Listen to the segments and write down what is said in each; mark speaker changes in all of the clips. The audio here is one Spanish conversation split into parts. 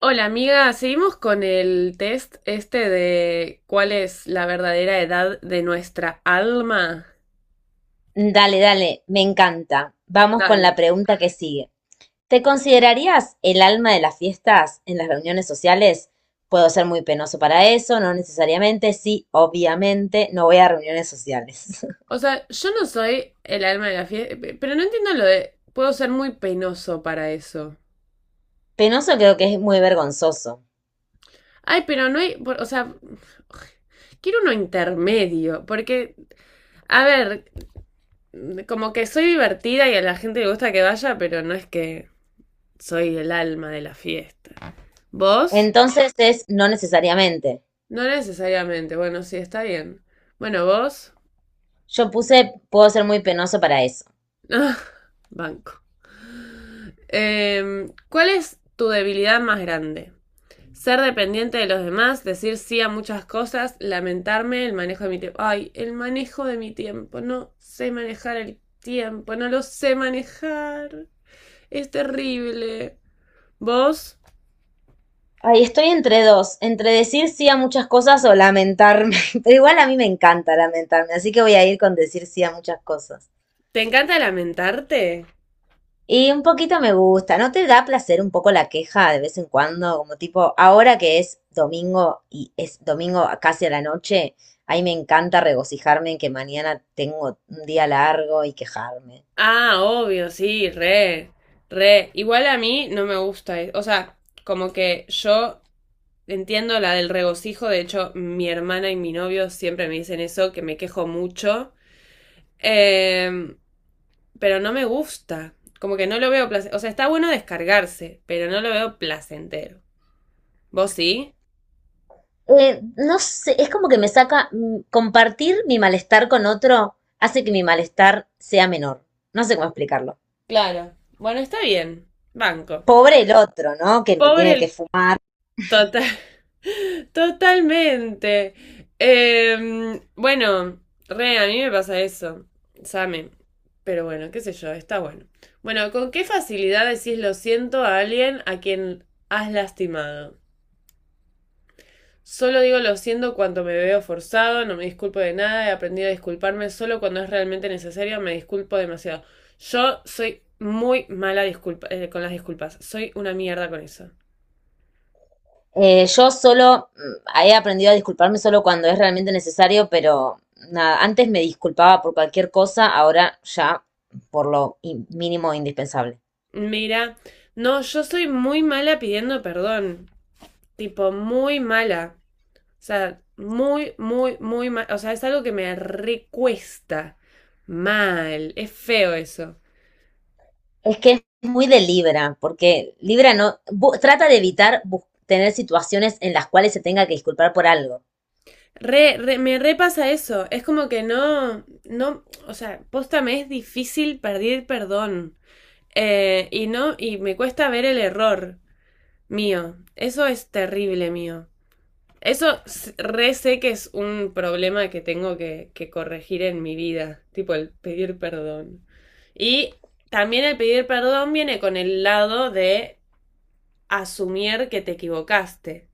Speaker 1: Hola amiga, seguimos con el test este de cuál es la verdadera edad de nuestra alma.
Speaker 2: Dale, dale, me encanta. Vamos con
Speaker 1: Dale.
Speaker 2: la pregunta que sigue. ¿Te considerarías el alma de las fiestas en las reuniones sociales? Puedo ser muy penoso para eso, no necesariamente, sí, obviamente, no voy a reuniones sociales.
Speaker 1: O sea, yo no soy el alma de la fiesta, pero no entiendo lo de "Puedo ser muy penoso para eso".
Speaker 2: Penoso creo que es muy vergonzoso.
Speaker 1: Ay, pero no hay, o sea, quiero uno intermedio, porque, a ver, como que soy divertida y a la gente le gusta que vaya, pero no es que soy el alma de la fiesta. ¿Vos?
Speaker 2: Entonces es no necesariamente.
Speaker 1: No necesariamente, bueno, sí, está bien. Bueno, vos.
Speaker 2: Yo puse puedo ser muy penoso para eso.
Speaker 1: Ah, banco. ¿Cuál es tu debilidad más grande? Ser dependiente de los demás, decir sí a muchas cosas, lamentarme, el manejo de mi tiempo. Ay, el manejo de mi tiempo. No sé manejar el tiempo, no lo sé manejar. Es terrible. ¿Vos?
Speaker 2: Ay, estoy entre dos, entre decir sí a muchas cosas o lamentarme. Pero igual a mí me encanta lamentarme, así que voy a ir con decir sí a muchas cosas.
Speaker 1: ¿Te encanta lamentarte?
Speaker 2: Y un poquito me gusta, ¿no te da placer un poco la queja de vez en cuando? Como tipo, ahora que es domingo y es domingo casi a la noche, ahí me encanta regocijarme en que mañana tengo un día largo y quejarme.
Speaker 1: Ah, obvio, sí, re, re. Igual a mí no me gusta. O sea, como que yo entiendo la del regocijo, de hecho mi hermana y mi novio siempre me dicen eso, que me quejo mucho, eh, pero no me gusta, como que no lo veo placentero, o sea, está bueno descargarse, pero no lo veo placentero. ¿Vos sí?
Speaker 2: No sé, es como que me saca, mm, compartir mi malestar con otro hace que mi malestar sea menor. No sé cómo explicarlo.
Speaker 1: Claro. Bueno, está bien, banco.
Speaker 2: Pobre el otro, ¿no? Que me
Speaker 1: Pobre
Speaker 2: tiene que
Speaker 1: el
Speaker 2: fumar.
Speaker 1: total. Totalmente. Bueno, re, a mí me pasa eso, same. Pero bueno, qué sé yo, está bueno. Bueno, ¿con qué facilidad decís lo siento a alguien a quien has lastimado? Solo digo lo siento cuando me veo forzado, no me disculpo de nada, he aprendido a disculparme solo cuando es realmente necesario, me disculpo demasiado. Yo soy muy mala disculpa, con las disculpas, soy una mierda con eso.
Speaker 2: Yo solo he aprendido a disculparme solo cuando es realmente necesario, pero nada, antes me disculpaba por cualquier cosa, ahora ya mínimo indispensable.
Speaker 1: Mira, no, yo soy muy mala pidiendo perdón, tipo muy mala. O sea, muy, muy, muy mal. O sea, es algo que me recuesta mal. Es feo eso.
Speaker 2: Es que es muy de Libra, porque Libra no bu- trata de evitar tener situaciones en las cuales se tenga que disculpar por algo.
Speaker 1: Re, me repasa eso. Es como que no, no, o sea, posta me es difícil pedir perdón. Y no, y me cuesta ver el error mío. Eso es terrible mío. Eso re sé que es un problema que tengo que corregir en mi vida, tipo el pedir perdón. Y también el pedir perdón viene con el lado de asumir que te equivocaste.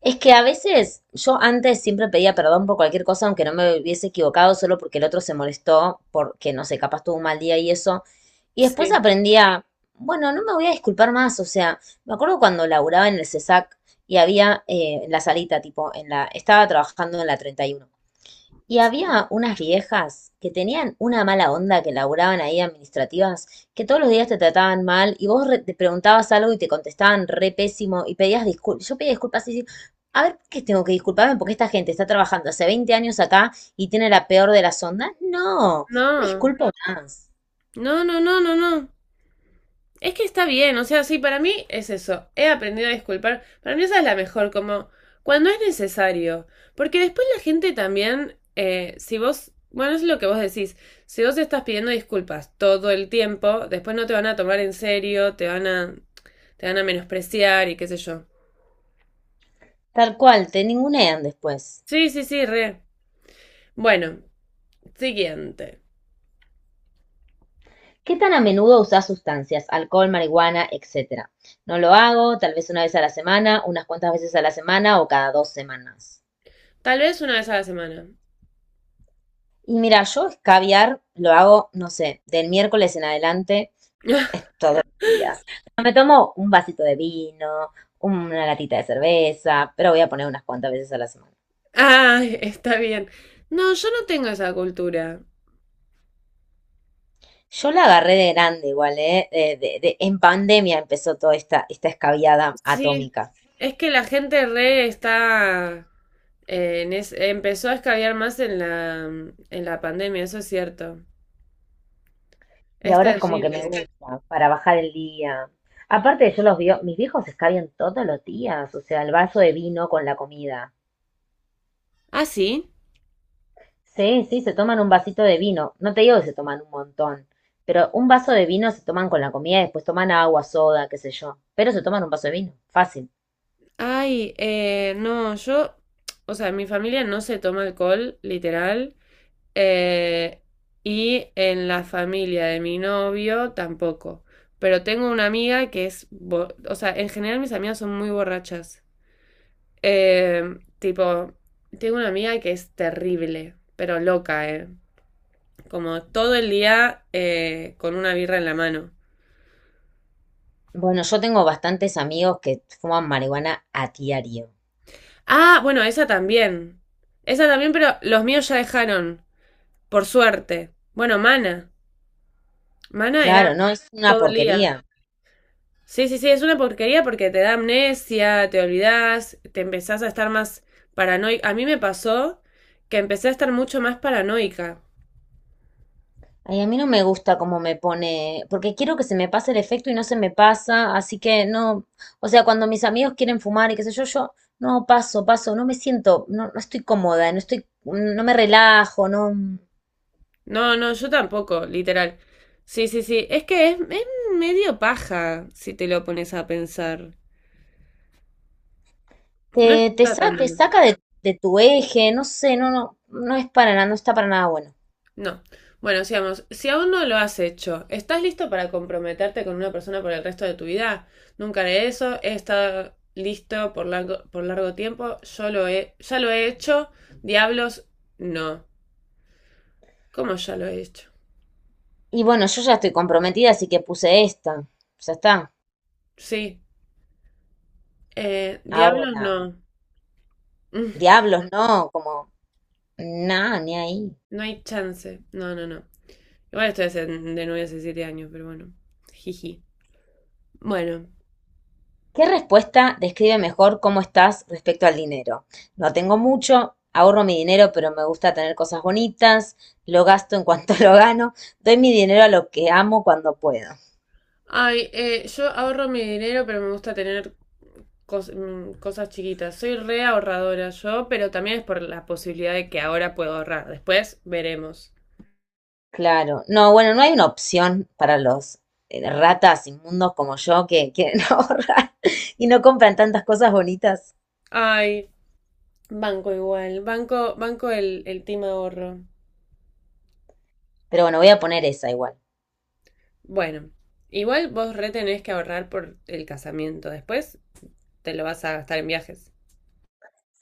Speaker 2: Es que a veces yo antes siempre pedía perdón por cualquier cosa, aunque no me hubiese equivocado, solo porque el otro se molestó, porque no sé, capaz tuvo un mal día y eso. Y después
Speaker 1: Sí.
Speaker 2: aprendí a, bueno, no me voy a disculpar más. O sea, me acuerdo cuando laburaba en el CESAC y había en la salita, tipo, estaba trabajando en la 31. Y había unas viejas que tenían una mala onda que laburaban ahí administrativas, que todos los días te trataban mal y vos te preguntabas algo y te contestaban re pésimo y pedías disculpas. Yo pedía disculpas y decía, a ver, ¿por ¿qué tengo que disculparme? Porque esta gente está trabajando hace 20 años acá y tiene la peor de las ondas. No, me
Speaker 1: No,
Speaker 2: disculpo más.
Speaker 1: no, no, no, no, no. Es que está bien, o sea, sí, para mí es eso. He aprendido a disculpar. Para mí esa es la mejor, como cuando es necesario. Porque después la gente también, si vos, bueno, es lo que vos decís, si vos estás pidiendo disculpas todo el tiempo, después no te van a tomar en serio, te van a menospreciar y qué sé yo.
Speaker 2: Tal cual, te ningunean después.
Speaker 1: Sí, sí, sí, re. Bueno, siguiente.
Speaker 2: ¿Qué tan a menudo usás sustancias? Alcohol, marihuana, etcétera. No lo hago, tal vez una vez a la semana, unas cuantas veces a la semana o cada dos semanas.
Speaker 1: Tal vez una vez a la semana.
Speaker 2: Y mira, yo escabiar lo hago, no sé, del miércoles en adelante, es todos los días. Me tomo un vasito de vino, una latita de cerveza, pero voy a poner unas cuantas veces a la semana.
Speaker 1: Ay, está bien. No, yo no tengo esa cultura.
Speaker 2: Yo la agarré de grande igual, ¿eh? En pandemia empezó esta escabiada
Speaker 1: Sí,
Speaker 2: atómica.
Speaker 1: es que la gente re está empezó a escabiar más en en la pandemia, eso es cierto.
Speaker 2: Y
Speaker 1: Es
Speaker 2: ahora es como que me
Speaker 1: terrible.
Speaker 2: gusta, para bajar el día. Aparte, yo los vio, mis viejos escabian todos los días, o sea, el vaso de vino con la comida.
Speaker 1: Ah, sí.
Speaker 2: Sí, sí, se toman un vasito de vino. No te digo que se toman un montón, pero un vaso de vino se toman con la comida y después toman agua, soda, qué sé yo. Pero se toman un vaso de vino, fácil.
Speaker 1: Ay, no, yo, o sea, mi familia no se toma alcohol, literal. eh, y en la familia de mi novio tampoco. Pero tengo una amiga que es, o sea, en general mis amigas son muy borrachas. Tipo, tengo una amiga que es terrible, pero loca, ¿eh? Como todo el día con una birra en la mano.
Speaker 2: Bueno, yo tengo bastantes amigos que fuman marihuana a diario.
Speaker 1: Ah, bueno, esa también. Esa también, pero los míos ya dejaron, por suerte. Bueno, Mana. Mana
Speaker 2: Claro,
Speaker 1: era
Speaker 2: no es una
Speaker 1: todo el día.
Speaker 2: porquería.
Speaker 1: Sí, sí, sí, es una porquería porque te da amnesia, te olvidás, te empezás a estar más paranoica. A mí me pasó que empecé a estar mucho más paranoica.
Speaker 2: Ay, a mí no me gusta cómo me pone, porque quiero que se me pase el efecto y no se me pasa, así que no, o sea, cuando mis amigos quieren fumar y qué sé yo, yo paso, no me siento, no, no estoy cómoda, no estoy, no me relajo, no.
Speaker 1: No, no, yo tampoco, literal. Sí, sí, sí. Es que es medio paja si te lo pones a pensar. No está tan
Speaker 2: Te
Speaker 1: bueno.
Speaker 2: saca de tu eje, no sé, no, no, no es para nada, no está para nada bueno.
Speaker 1: No. Bueno, sigamos. Si aún no lo has hecho, ¿estás listo para comprometerte con una persona por el resto de tu vida? Nunca haré eso. He estado listo por largo tiempo. Ya lo he hecho. Diablos, no. ¿Cómo ya lo he hecho?
Speaker 2: Y bueno, yo ya estoy comprometida, así que puse esta. Ya está.
Speaker 1: Sí. Diablos,
Speaker 2: Ahora,
Speaker 1: no. Mm.
Speaker 2: diablos, no, como, nada, ni ahí.
Speaker 1: No hay chance. No, no, no. Igual estoy de novia hace 7 años, pero bueno. Jiji. Bueno.
Speaker 2: ¿Qué respuesta describe mejor cómo estás respecto al dinero? No tengo mucho, ahorro mi dinero, pero me gusta tener cosas bonitas, lo gasto en cuanto lo gano, doy mi dinero a lo que amo cuando puedo.
Speaker 1: Ay, yo ahorro mi dinero, pero me gusta tener cosas chiquitas. Soy re ahorradora yo, pero también es por la posibilidad de que ahora puedo ahorrar. Después veremos.
Speaker 2: Claro, no, bueno, no hay una opción para los ratas inmundos como yo que quieren ahorrar y no compran tantas cosas bonitas.
Speaker 1: Ay, banco igual. Banco, banco el, team ahorro.
Speaker 2: Pero bueno, voy a poner esa igual.
Speaker 1: Bueno, igual vos re tenés que ahorrar por el casamiento. Después te lo vas a gastar en viajes.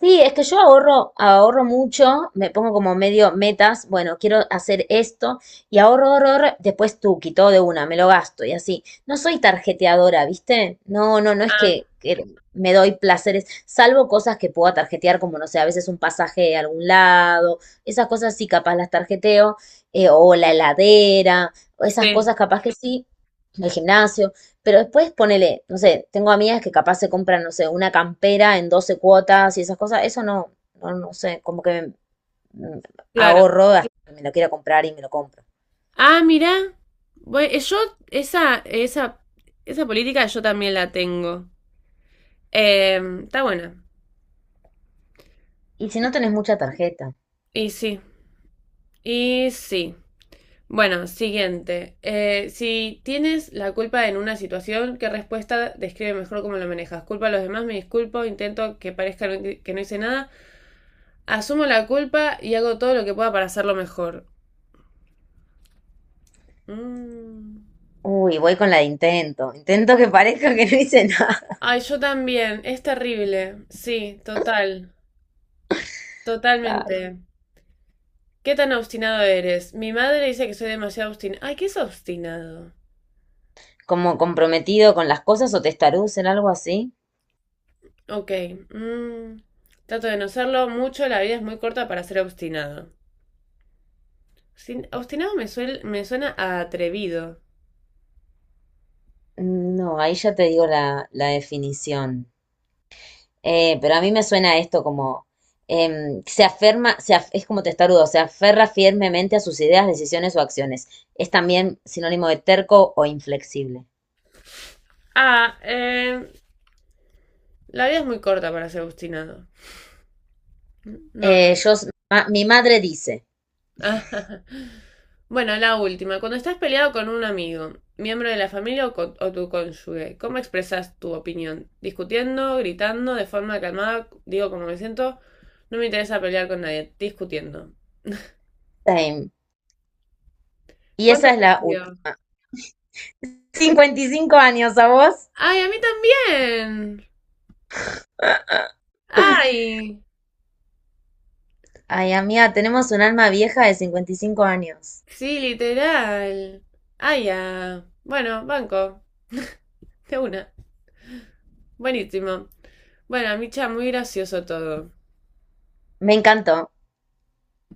Speaker 2: Sí, es que yo ahorro, ahorro mucho, me pongo como medio metas, bueno, quiero hacer esto y ahorro, ahorro, ahorro, después tú quitó de una, me lo gasto y así. No soy tarjeteadora, ¿viste? No, no, no es
Speaker 1: Ah,
Speaker 2: que me doy placeres, salvo cosas que pueda tarjetear, como no sé, a veces un pasaje a algún lado, esas cosas sí capaz las tarjeteo, o la heladera, o esas
Speaker 1: sí,
Speaker 2: cosas capaz que sí, el gimnasio, pero después ponele, no sé, tengo amigas que capaz se compran, no sé, una campera en 12 cuotas y esas cosas. Eso no, no, no sé, como que me
Speaker 1: claro.
Speaker 2: ahorro hasta que me lo quiera comprar y me lo compro.
Speaker 1: Ah, mirá. Bueno, yo esa, esa, esa política yo también la tengo. Está buena.
Speaker 2: Y si no tenés mucha tarjeta.
Speaker 1: Y sí, y sí. Bueno, siguiente. Si tienes la culpa en una situación, ¿qué respuesta describe mejor cómo lo manejas? Culpa a los demás, me disculpo, intento que parezca que no hice nada, asumo la culpa y hago todo lo que pueda para hacerlo mejor. Mm.
Speaker 2: Uy, voy con la de intento. Intento que parezca que no hice nada.
Speaker 1: Ay, yo también, es terrible. Sí, total,
Speaker 2: Ay.
Speaker 1: totalmente. ¿Qué tan obstinado eres? Mi madre dice que soy demasiado obstinado. Ay, ¿qué es obstinado?
Speaker 2: Como comprometido con las cosas o testaruz en algo así.
Speaker 1: Ok. mm, trato de no serlo mucho. La vida es muy corta para ser obstinado. Obstinado me suena a atrevido.
Speaker 2: No, ahí ya te digo la definición. Pero a mí me suena esto como se aferma, se af- es como testarudo, se aferra firmemente a sus ideas, decisiones o acciones. Es también sinónimo de terco o inflexible.
Speaker 1: Ah, la vida es muy corta para ser obstinado. No,
Speaker 2: Mi madre dice,
Speaker 1: ah. Bueno, la última. Cuando estás peleado con un amigo, miembro de la familia o, o tu cónyuge, ¿cómo expresas tu opinión? ¿Discutiendo, gritando, de forma calmada? Digo, como me siento, no me interesa pelear con nadie. Discutiendo.
Speaker 2: same. Y
Speaker 1: ¿Cuánto
Speaker 2: esa es
Speaker 1: te
Speaker 2: la
Speaker 1: salió?
Speaker 2: última. Cincuenta y cinco años, ¿a vos?
Speaker 1: ¡Ay, a mí también! ¡Ay!
Speaker 2: Ay, amiga, tenemos un alma vieja de 55 años.
Speaker 1: Sí, literal. ¡Ay, ya! Bueno, banco. De una. Buenísimo. Bueno, Micha, muy gracioso todo.
Speaker 2: Me encantó.